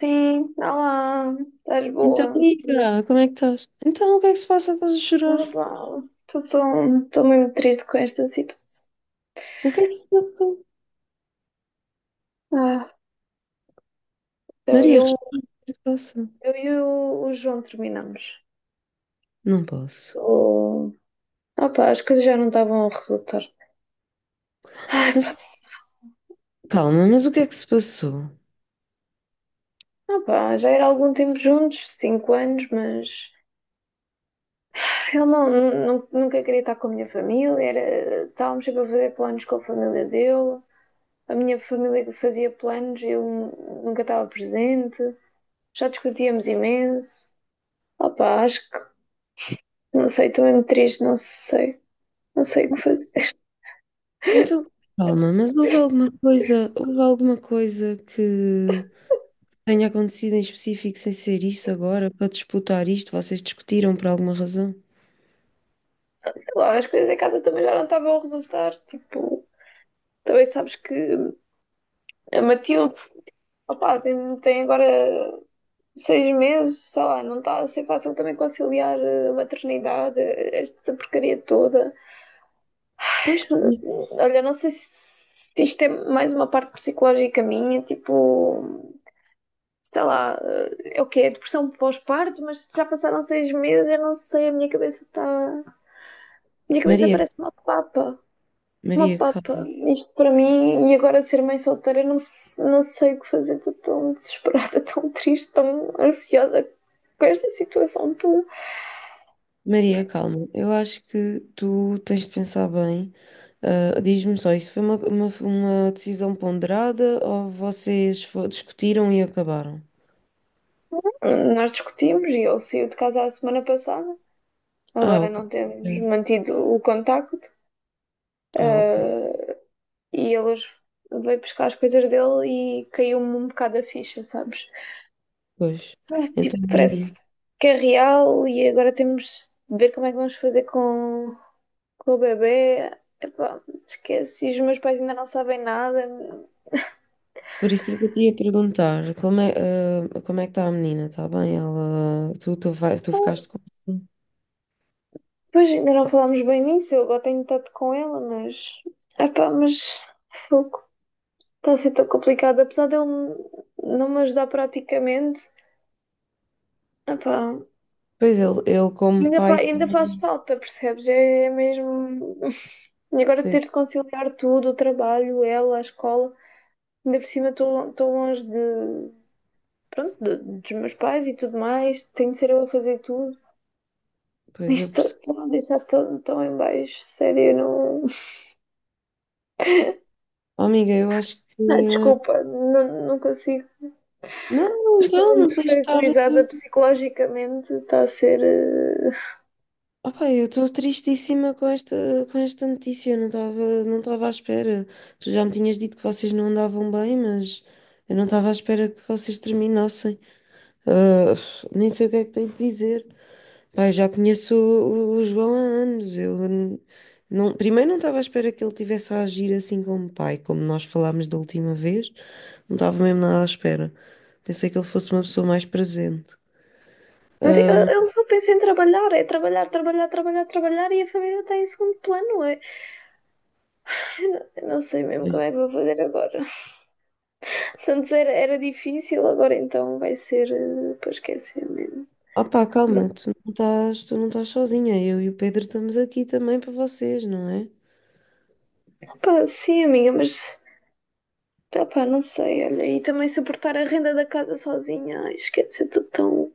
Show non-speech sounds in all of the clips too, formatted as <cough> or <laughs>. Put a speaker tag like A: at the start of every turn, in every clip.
A: Sim, olá, estás
B: Então,
A: boa?
B: Nica, como é que estás? Então, o que é que se passa? Estás a chorar?
A: Olá, estou mesmo triste com esta situação.
B: O que é que se passa?
A: Ah, eu,
B: Maria,
A: eu,
B: responde. O que é que se passa?
A: eu e o João terminamos.
B: Não posso.
A: Oh, opá, as coisas já não estavam a resultar. Ai, pá,
B: Mas calma, mas o que é que se passou?
A: opá, já era algum tempo juntos, 5 anos, mas eu nunca queria estar com a minha família, estávamos sempre a fazer planos com a família dele. A minha família fazia planos, eu nunca estava presente. Já discutíamos imenso. Opa, acho que não sei, estou mesmo triste, não sei. Não sei o que fazer.
B: Então, calma, mas houve alguma coisa que tenha acontecido em específico sem ser isso agora, para disputar isto? Vocês discutiram por alguma razão?
A: Sei lá, as coisas em casa também já não estavam a resultar. Tipo, também sabes que a Matilde, opa, tem agora 6 meses, sei lá, não está a ser fácil também conciliar a maternidade, esta porcaria toda.
B: Pois, por isso.
A: Olha, não sei se isto é mais uma parte psicológica minha, tipo, sei lá, é o quê? É depressão pós-parto, mas já passaram 6 meses, eu não sei, a minha cabeça está. Minha cabeça
B: Maria,
A: parece uma papa. Uma
B: Maria,
A: papa.
B: calma.
A: Isto para mim, e agora ser mãe solteira, eu não sei o que fazer. Estou tão desesperada, <laughs> tão triste, tão ansiosa com esta situação. Tu.
B: Maria, calma. Eu acho que tu tens de pensar bem. Diz-me só, isso foi uma decisão ponderada ou vocês discutiram e acabaram?
A: Nós discutimos e ele saiu de casa a semana passada.
B: Ah,
A: Agora
B: ok.
A: não temos mantido o contacto.
B: Ah, ok.
A: Ah, e ele hoje veio buscar as coisas dele e caiu-me um bocado a ficha, sabes?
B: Pois.
A: Ah,
B: Então,
A: tipo, parece
B: e-
A: que é real e agora temos de ver como é que vamos fazer com. Com o bebê, epá, esquece, os meus pais ainda não sabem nada.
B: por isso que eu te ia perguntar, como é, ah, como é que está a menina? Está bem? Ela, vai, tu ficaste com...
A: Pois ainda não falámos bem nisso, eu agora tenho estado com ela mas. Epá, mas. Fogo, está a ser tão complicado, apesar dele não me ajudar praticamente. Epá,
B: Pois ele como
A: ainda, fa-
B: pai
A: ainda
B: também
A: faz falta, percebes? É mesmo. <laughs> E agora
B: percebe.
A: ter de conciliar tudo, o trabalho, ela, a escola. Ainda por cima estou longe de. Pronto, dos meus pais e tudo mais. Tenho de ser eu a fazer tudo.
B: Pois eu
A: Isto
B: percebo.
A: está a deixar tudo tão em baixo, sério, eu não. <laughs>
B: Oh, amiga, eu acho
A: Ah,
B: que...
A: desculpa, não consigo.
B: Não,
A: Estou
B: então, não
A: muito
B: tens de estar...
A: fragilizada psicologicamente, está a ser.
B: Opa, eu estou tristíssima com esta notícia. Eu não estava, não estava à espera. Tu já me tinhas dito que vocês não andavam bem, mas eu não estava à espera que vocês terminassem. Ah, Nem sei o que é que tenho de dizer. Pá, eu já conheço o João há anos. Não, primeiro não estava à espera que ele tivesse a agir assim como pai, como nós falámos da última vez. Não estava mesmo nada à espera. Pensei que ele fosse uma pessoa mais presente.
A: Não, eu só penso em trabalhar, é trabalhar, trabalhar, trabalhar, trabalhar e a família está em segundo plano, é. Eu não sei mesmo
B: Ah,
A: como é que vou fazer agora. <laughs> Se antes era difícil, agora então vai ser, para esquecer mesmo.
B: Opa, calma, tu não estás sozinha. Eu e o Pedro estamos aqui também para vocês, não é?
A: Pá, sim, amiga, mas. Ah, pá, não sei, olha, e também suportar a renda da casa sozinha, ai, esquece, é tudo tão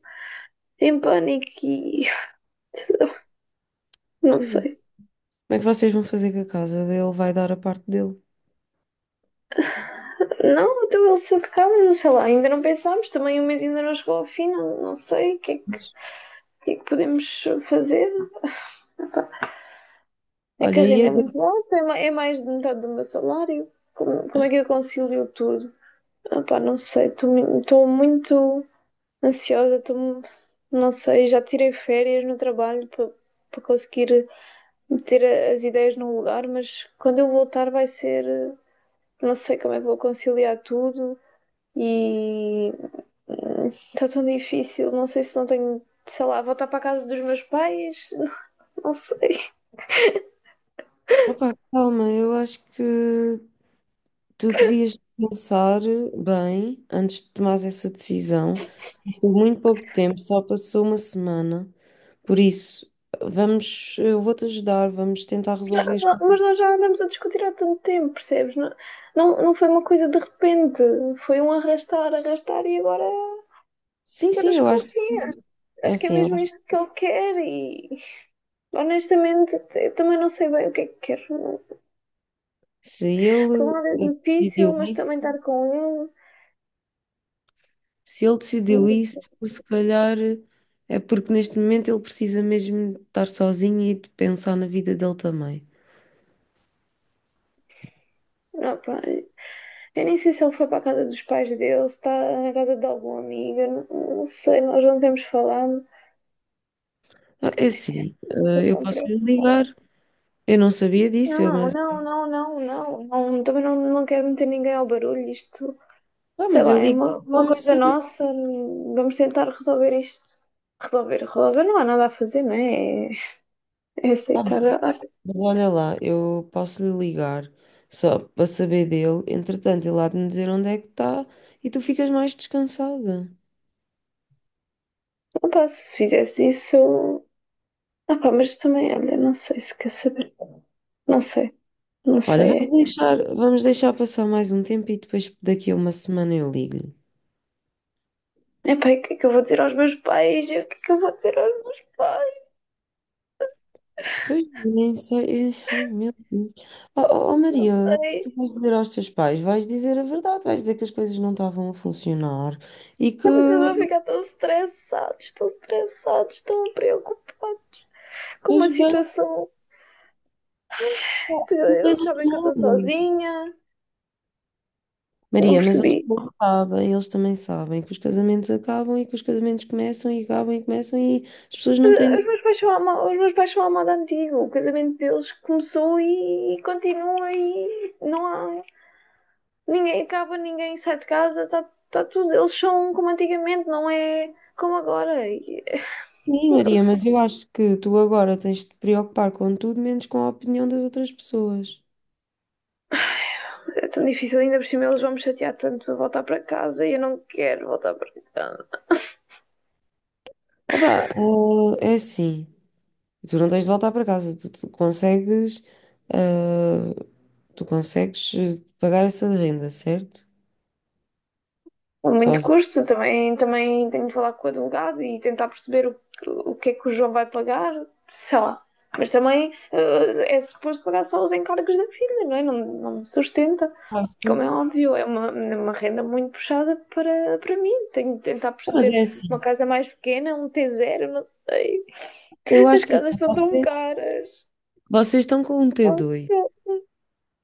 A: em pânico e <laughs> não
B: Pois é.
A: sei.
B: Como é que vocês vão fazer com a casa? Ele vai dar a parte dele.
A: Não, então ele saiu de casa, sei lá, ainda não pensámos, também o mês ainda não chegou ao fim, não sei o que, é que,
B: Mas,
A: que é que podemos fazer. É que
B: olha,
A: a
B: e
A: renda é
B: agora?
A: muito alta, é mais de metade do meu salário. Como é que eu concilio tudo? Ah, pá, não sei, estou muito ansiosa, estou, não sei, já tirei férias no trabalho para conseguir meter as ideias no lugar, mas quando eu voltar vai ser, não sei como é que vou conciliar tudo. E está tão difícil. Não sei se não tenho, sei lá, voltar para a casa dos meus pais. <laughs> Não sei.
B: Opa, calma, eu acho que tu devias pensar bem antes de tomares essa decisão. Passou muito pouco tempo, só passou uma semana. Por isso, vamos, eu vou-te ajudar, vamos tentar resolver as
A: Mas
B: coisas.
A: nós já andamos a discutir há tanto tempo, percebes? Não, não, não foi uma coisa de repente. Foi um arrastar, arrastar e agora agora
B: Sim, eu acho,
A: escolhi.
B: é
A: Acho que é
B: assim, eu
A: mesmo
B: acho que
A: isto que ele quer e honestamente eu também não sei bem o que é que quero.
B: se
A: Por um
B: ele
A: lado é difícil,
B: decidiu
A: mas
B: isso.
A: também estar com
B: Se ele decidiu
A: ele.
B: isso, se calhar é porque neste momento ele precisa mesmo de estar sozinho e de pensar na vida dele também.
A: Não, pá, eu nem sei se ele foi para a casa dos pais dele, se está na casa de algum amigo, eu não sei, nós não temos falado.
B: Ah, é assim,
A: Eu estou
B: ah, eu
A: tão
B: posso lhe ligar,
A: preocupada.
B: eu não sabia disso,
A: Não,
B: mas,
A: não, não, não, não, não, também não quero meter ninguém ao barulho, isto,
B: ah,
A: sei
B: mas
A: lá,
B: eu
A: é
B: ligo
A: uma
B: como
A: coisa
B: se.
A: nossa, vamos tentar resolver isto. Resolver, resolver, não há nada a fazer, não é? É
B: Ah,
A: aceitar. Ah,
B: mas olha lá, eu posso lhe ligar só para saber dele, entretanto ele há de me dizer onde é que está e tu ficas mais descansada.
A: opa, se fizesse isso, ah, pá, mas também, olha, não sei se quer saber, não sei, não
B: Olha,
A: sei, é.
B: vamos deixar passar mais um tempo e depois daqui a uma semana eu ligo-lhe.
A: Epá, e o que é que eu vou dizer aos meus pais? E o que é que eu vou dizer aos meus pais?
B: Pois, nem sei. Ai, meu Deus. Oh,
A: Não
B: Maria, o que tu
A: sei.
B: vais dizer aos teus pais? Vais dizer a verdade, vais dizer que as coisas não estavam a funcionar e que
A: Ai, eles vão
B: eles
A: ficar tão estressados, tão estressados, tão preocupados com uma
B: vão
A: situação. É,
B: mudar
A: eles sabem que eu estou
B: normal.
A: sozinha. Não
B: Maria, mas
A: percebi.
B: eles também sabem que os casamentos acabam e que os casamentos começam e acabam e começam e as pessoas não
A: Os
B: têm.
A: meus pais são à os meus pais são à moda antiga. O casamento deles começou e continua e não há. Ninguém acaba, ninguém sai de casa, está tudo. Eles são como antigamente, não é como agora. E,
B: Sim,
A: não
B: Maria,
A: sei.
B: mas eu acho que tu agora tens de te preocupar com tudo menos com a opinião das outras pessoas.
A: É tão difícil, ainda por cima eles vão me chatear tanto para voltar para casa e eu não quero voltar para casa.
B: Ah, pá, oh, é assim. E tu não tens de voltar para casa, tu consegues, ah, tu consegues pagar essa renda, certo?
A: A muito
B: Sozinho.
A: custo, também tenho de falar com o advogado e tentar perceber o que é que o João vai pagar, sei lá. Mas também, é suposto pagar só os encargos da filha, não é? Não, não me sustenta. Como é
B: Fácil.
A: óbvio, é uma renda muito puxada para mim. Tenho de tentar
B: Mas
A: perceber
B: é
A: uma
B: assim,
A: casa mais pequena, um T0, não sei.
B: eu
A: As
B: acho que é
A: casas
B: assim,
A: estão tão
B: vocês,
A: caras.
B: vocês estão com um
A: Não
B: T2.
A: sei,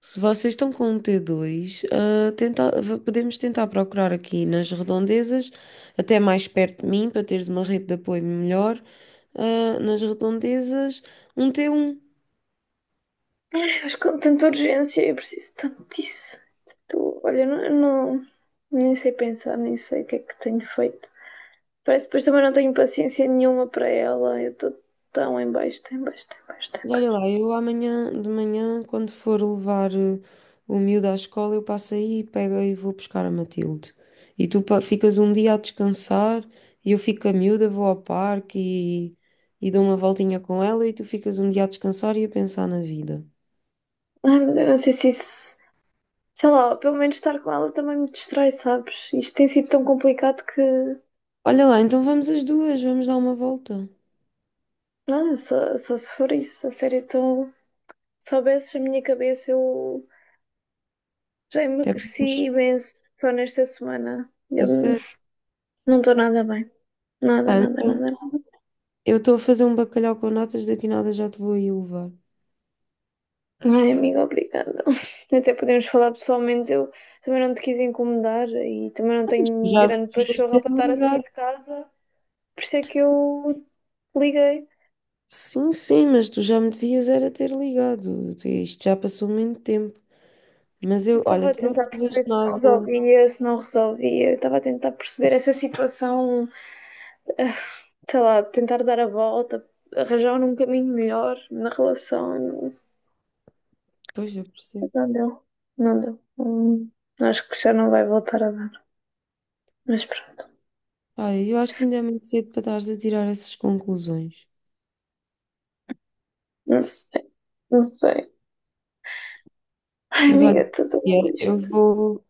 B: Se vocês estão com um T2, ah, podemos tentar procurar aqui nas redondezas, até mais perto de mim, para teres uma rede de apoio melhor, ah, nas redondezas, um T1.
A: acho que com tanta urgência eu preciso tanto disso. Olha, não- nem sei pensar, nem sei o que é que tenho feito. Parece que depois também não tenho paciência nenhuma para ela. Eu estou tão em baixo, tão em baixo, tão em baixo, tão em
B: Mas olha
A: baixo.
B: lá, eu amanhã de manhã, quando for levar o miúdo à escola, eu passo aí e pego e vou buscar a Matilde. E tu ficas um dia a descansar e eu fico com a miúda, vou ao parque e dou uma voltinha com ela e tu ficas um dia a descansar e a pensar na vida.
A: Ai, mas eu não sei se isso. Sei lá, pelo menos estar com ela também me distrai, sabes? Isto tem sido tão complicado que.
B: Olha lá, então vamos as duas, vamos dar uma volta.
A: Não, só se for isso. A sério, então. Se soubesses a minha cabeça, eu já
B: Até
A: emagreci
B: podemos.
A: imenso só nesta semana.
B: É
A: Eu
B: sério.
A: não estou nada bem. Nada,
B: Pá,
A: nada,
B: então,
A: nada, nada.
B: eu estou a fazer um bacalhau com natas, daqui nada já te vou aí levar.
A: Ai, amiga, obrigada. <laughs> Até podemos falar pessoalmente. Eu também não te quis incomodar e também não tenho
B: Já
A: grande
B: devias
A: pachorra
B: ter
A: para estar a sair
B: ligado.
A: de casa. Por isso é que eu liguei.
B: Sim, sim, mas tu já me devias era ter ligado. Tu- isto já passou muito tempo. Mas
A: Eu
B: eu, olha,
A: estava a
B: tu não
A: tentar
B: precisas de
A: perceber se
B: nada.
A: resolvia, se não resolvia. Eu estava a tentar perceber essa situação, ah, sei lá, tentar dar a volta, arranjar um caminho melhor na relação. Não,
B: Pois eu percebo.
A: não deu, não deu. Acho que já não vai voltar a dar. Mas pronto,
B: Olha, eu acho que ainda é muito cedo para estares a tirar essas conclusões.
A: não sei, não sei. Ai,
B: Mas olha,
A: amiga, tudo
B: é, eu
A: isto.
B: vou.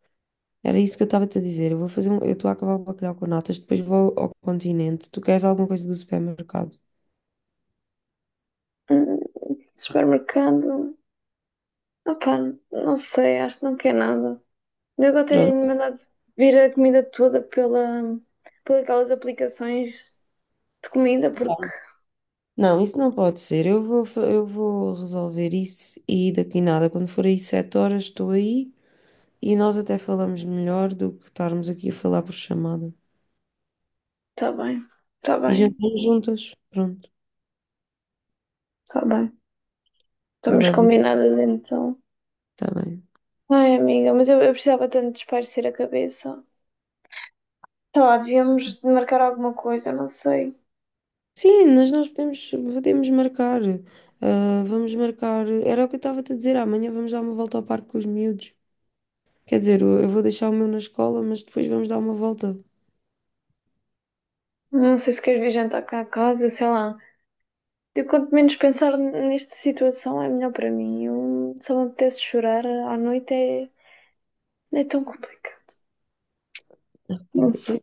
B: Era isso que eu estava-te a dizer. Eu vou fazer um. Eu estou a acabar o bacalhau com natas, depois vou ao continente. Tu queres alguma coisa do supermercado?
A: Hum, Supermercado. Opa, não sei, acho que não quer nada. Eu agora tenho
B: Pronto.
A: mandado vir a comida toda por aquelas aplicações de comida, porque
B: Não, isso não pode ser. Eu vou, eu vou resolver isso e daqui nada. Quando for aí sete horas, estou aí. E nós até falamos melhor do que estarmos aqui a falar por chamada.
A: está bem, está
B: E
A: bem,
B: jantamos juntas. Pronto,
A: está bem.
B: eu
A: Estamos
B: levo-me.
A: combinadas então.
B: Está bem.
A: Ai, amiga, mas eu precisava tanto de espairecer a cabeça. Sei lá, devíamos de marcar alguma coisa, não sei.
B: Sim, mas podemos marcar. Ah, vamos marcar. Era o que eu estava a te dizer. Amanhã vamos dar uma volta ao parque com os miúdos. Quer dizer, eu vou deixar o meu na escola, mas depois vamos dar uma volta.
A: Não sei se queres vir jantar cá a casa, sei lá. Eu quanto menos pensar nesta situação é melhor para mim. Se eu me apetece chorar à noite é tão complicado.
B: Ok,
A: Não sei.
B: depois-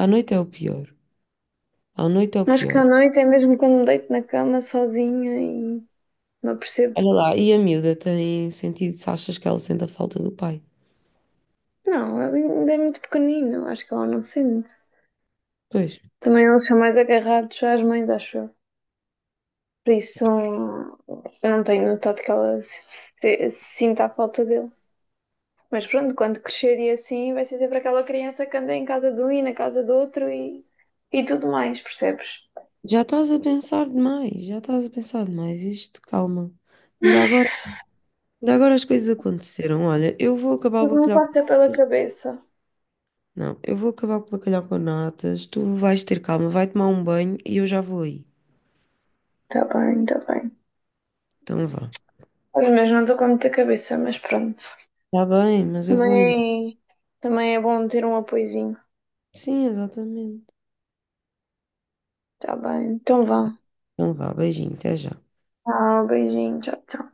B: à noite é o pior. À noite é o
A: Acho que à
B: pior.
A: noite é mesmo quando me deito na cama sozinha e me apercebo.
B: Olha lá, e a miúda tem sentido se achas que ela sente a falta do pai?
A: Não, ele ainda é muito pequenino, acho que ela não sente.
B: Pois.
A: Também eles são mais agarrados às mães, acho eu. Por isso, eu não tenho notado que ela se sinta a falta dele. Mas pronto, quando crescer e assim, vai ser sempre aquela criança que anda em casa de um e na casa do outro e tudo mais, percebes?
B: Já estás a pensar demais, já estás a pensar demais. Isto, calma. Ainda agora, ainda agora as coisas aconteceram. Olha, eu vou acabar o
A: Mas não
B: bacalhau com
A: passa pela
B: natas.
A: cabeça.
B: Não, eu vou acabar com o bacalhau com natas. Tu vais ter calma, vai tomar um banho e eu já vou aí.
A: Tá bem, tá bem.
B: Então vá.
A: Mas mesmo não estou com muita cabeça, mas pronto.
B: Está bem, mas eu vou aí. Não?
A: Também, também é bom ter um apoiozinho.
B: Sim, exatamente.
A: Tá bem, então vá.
B: Então vá, beijinho, até já.
A: Ah, beijinho, tchau, tchau.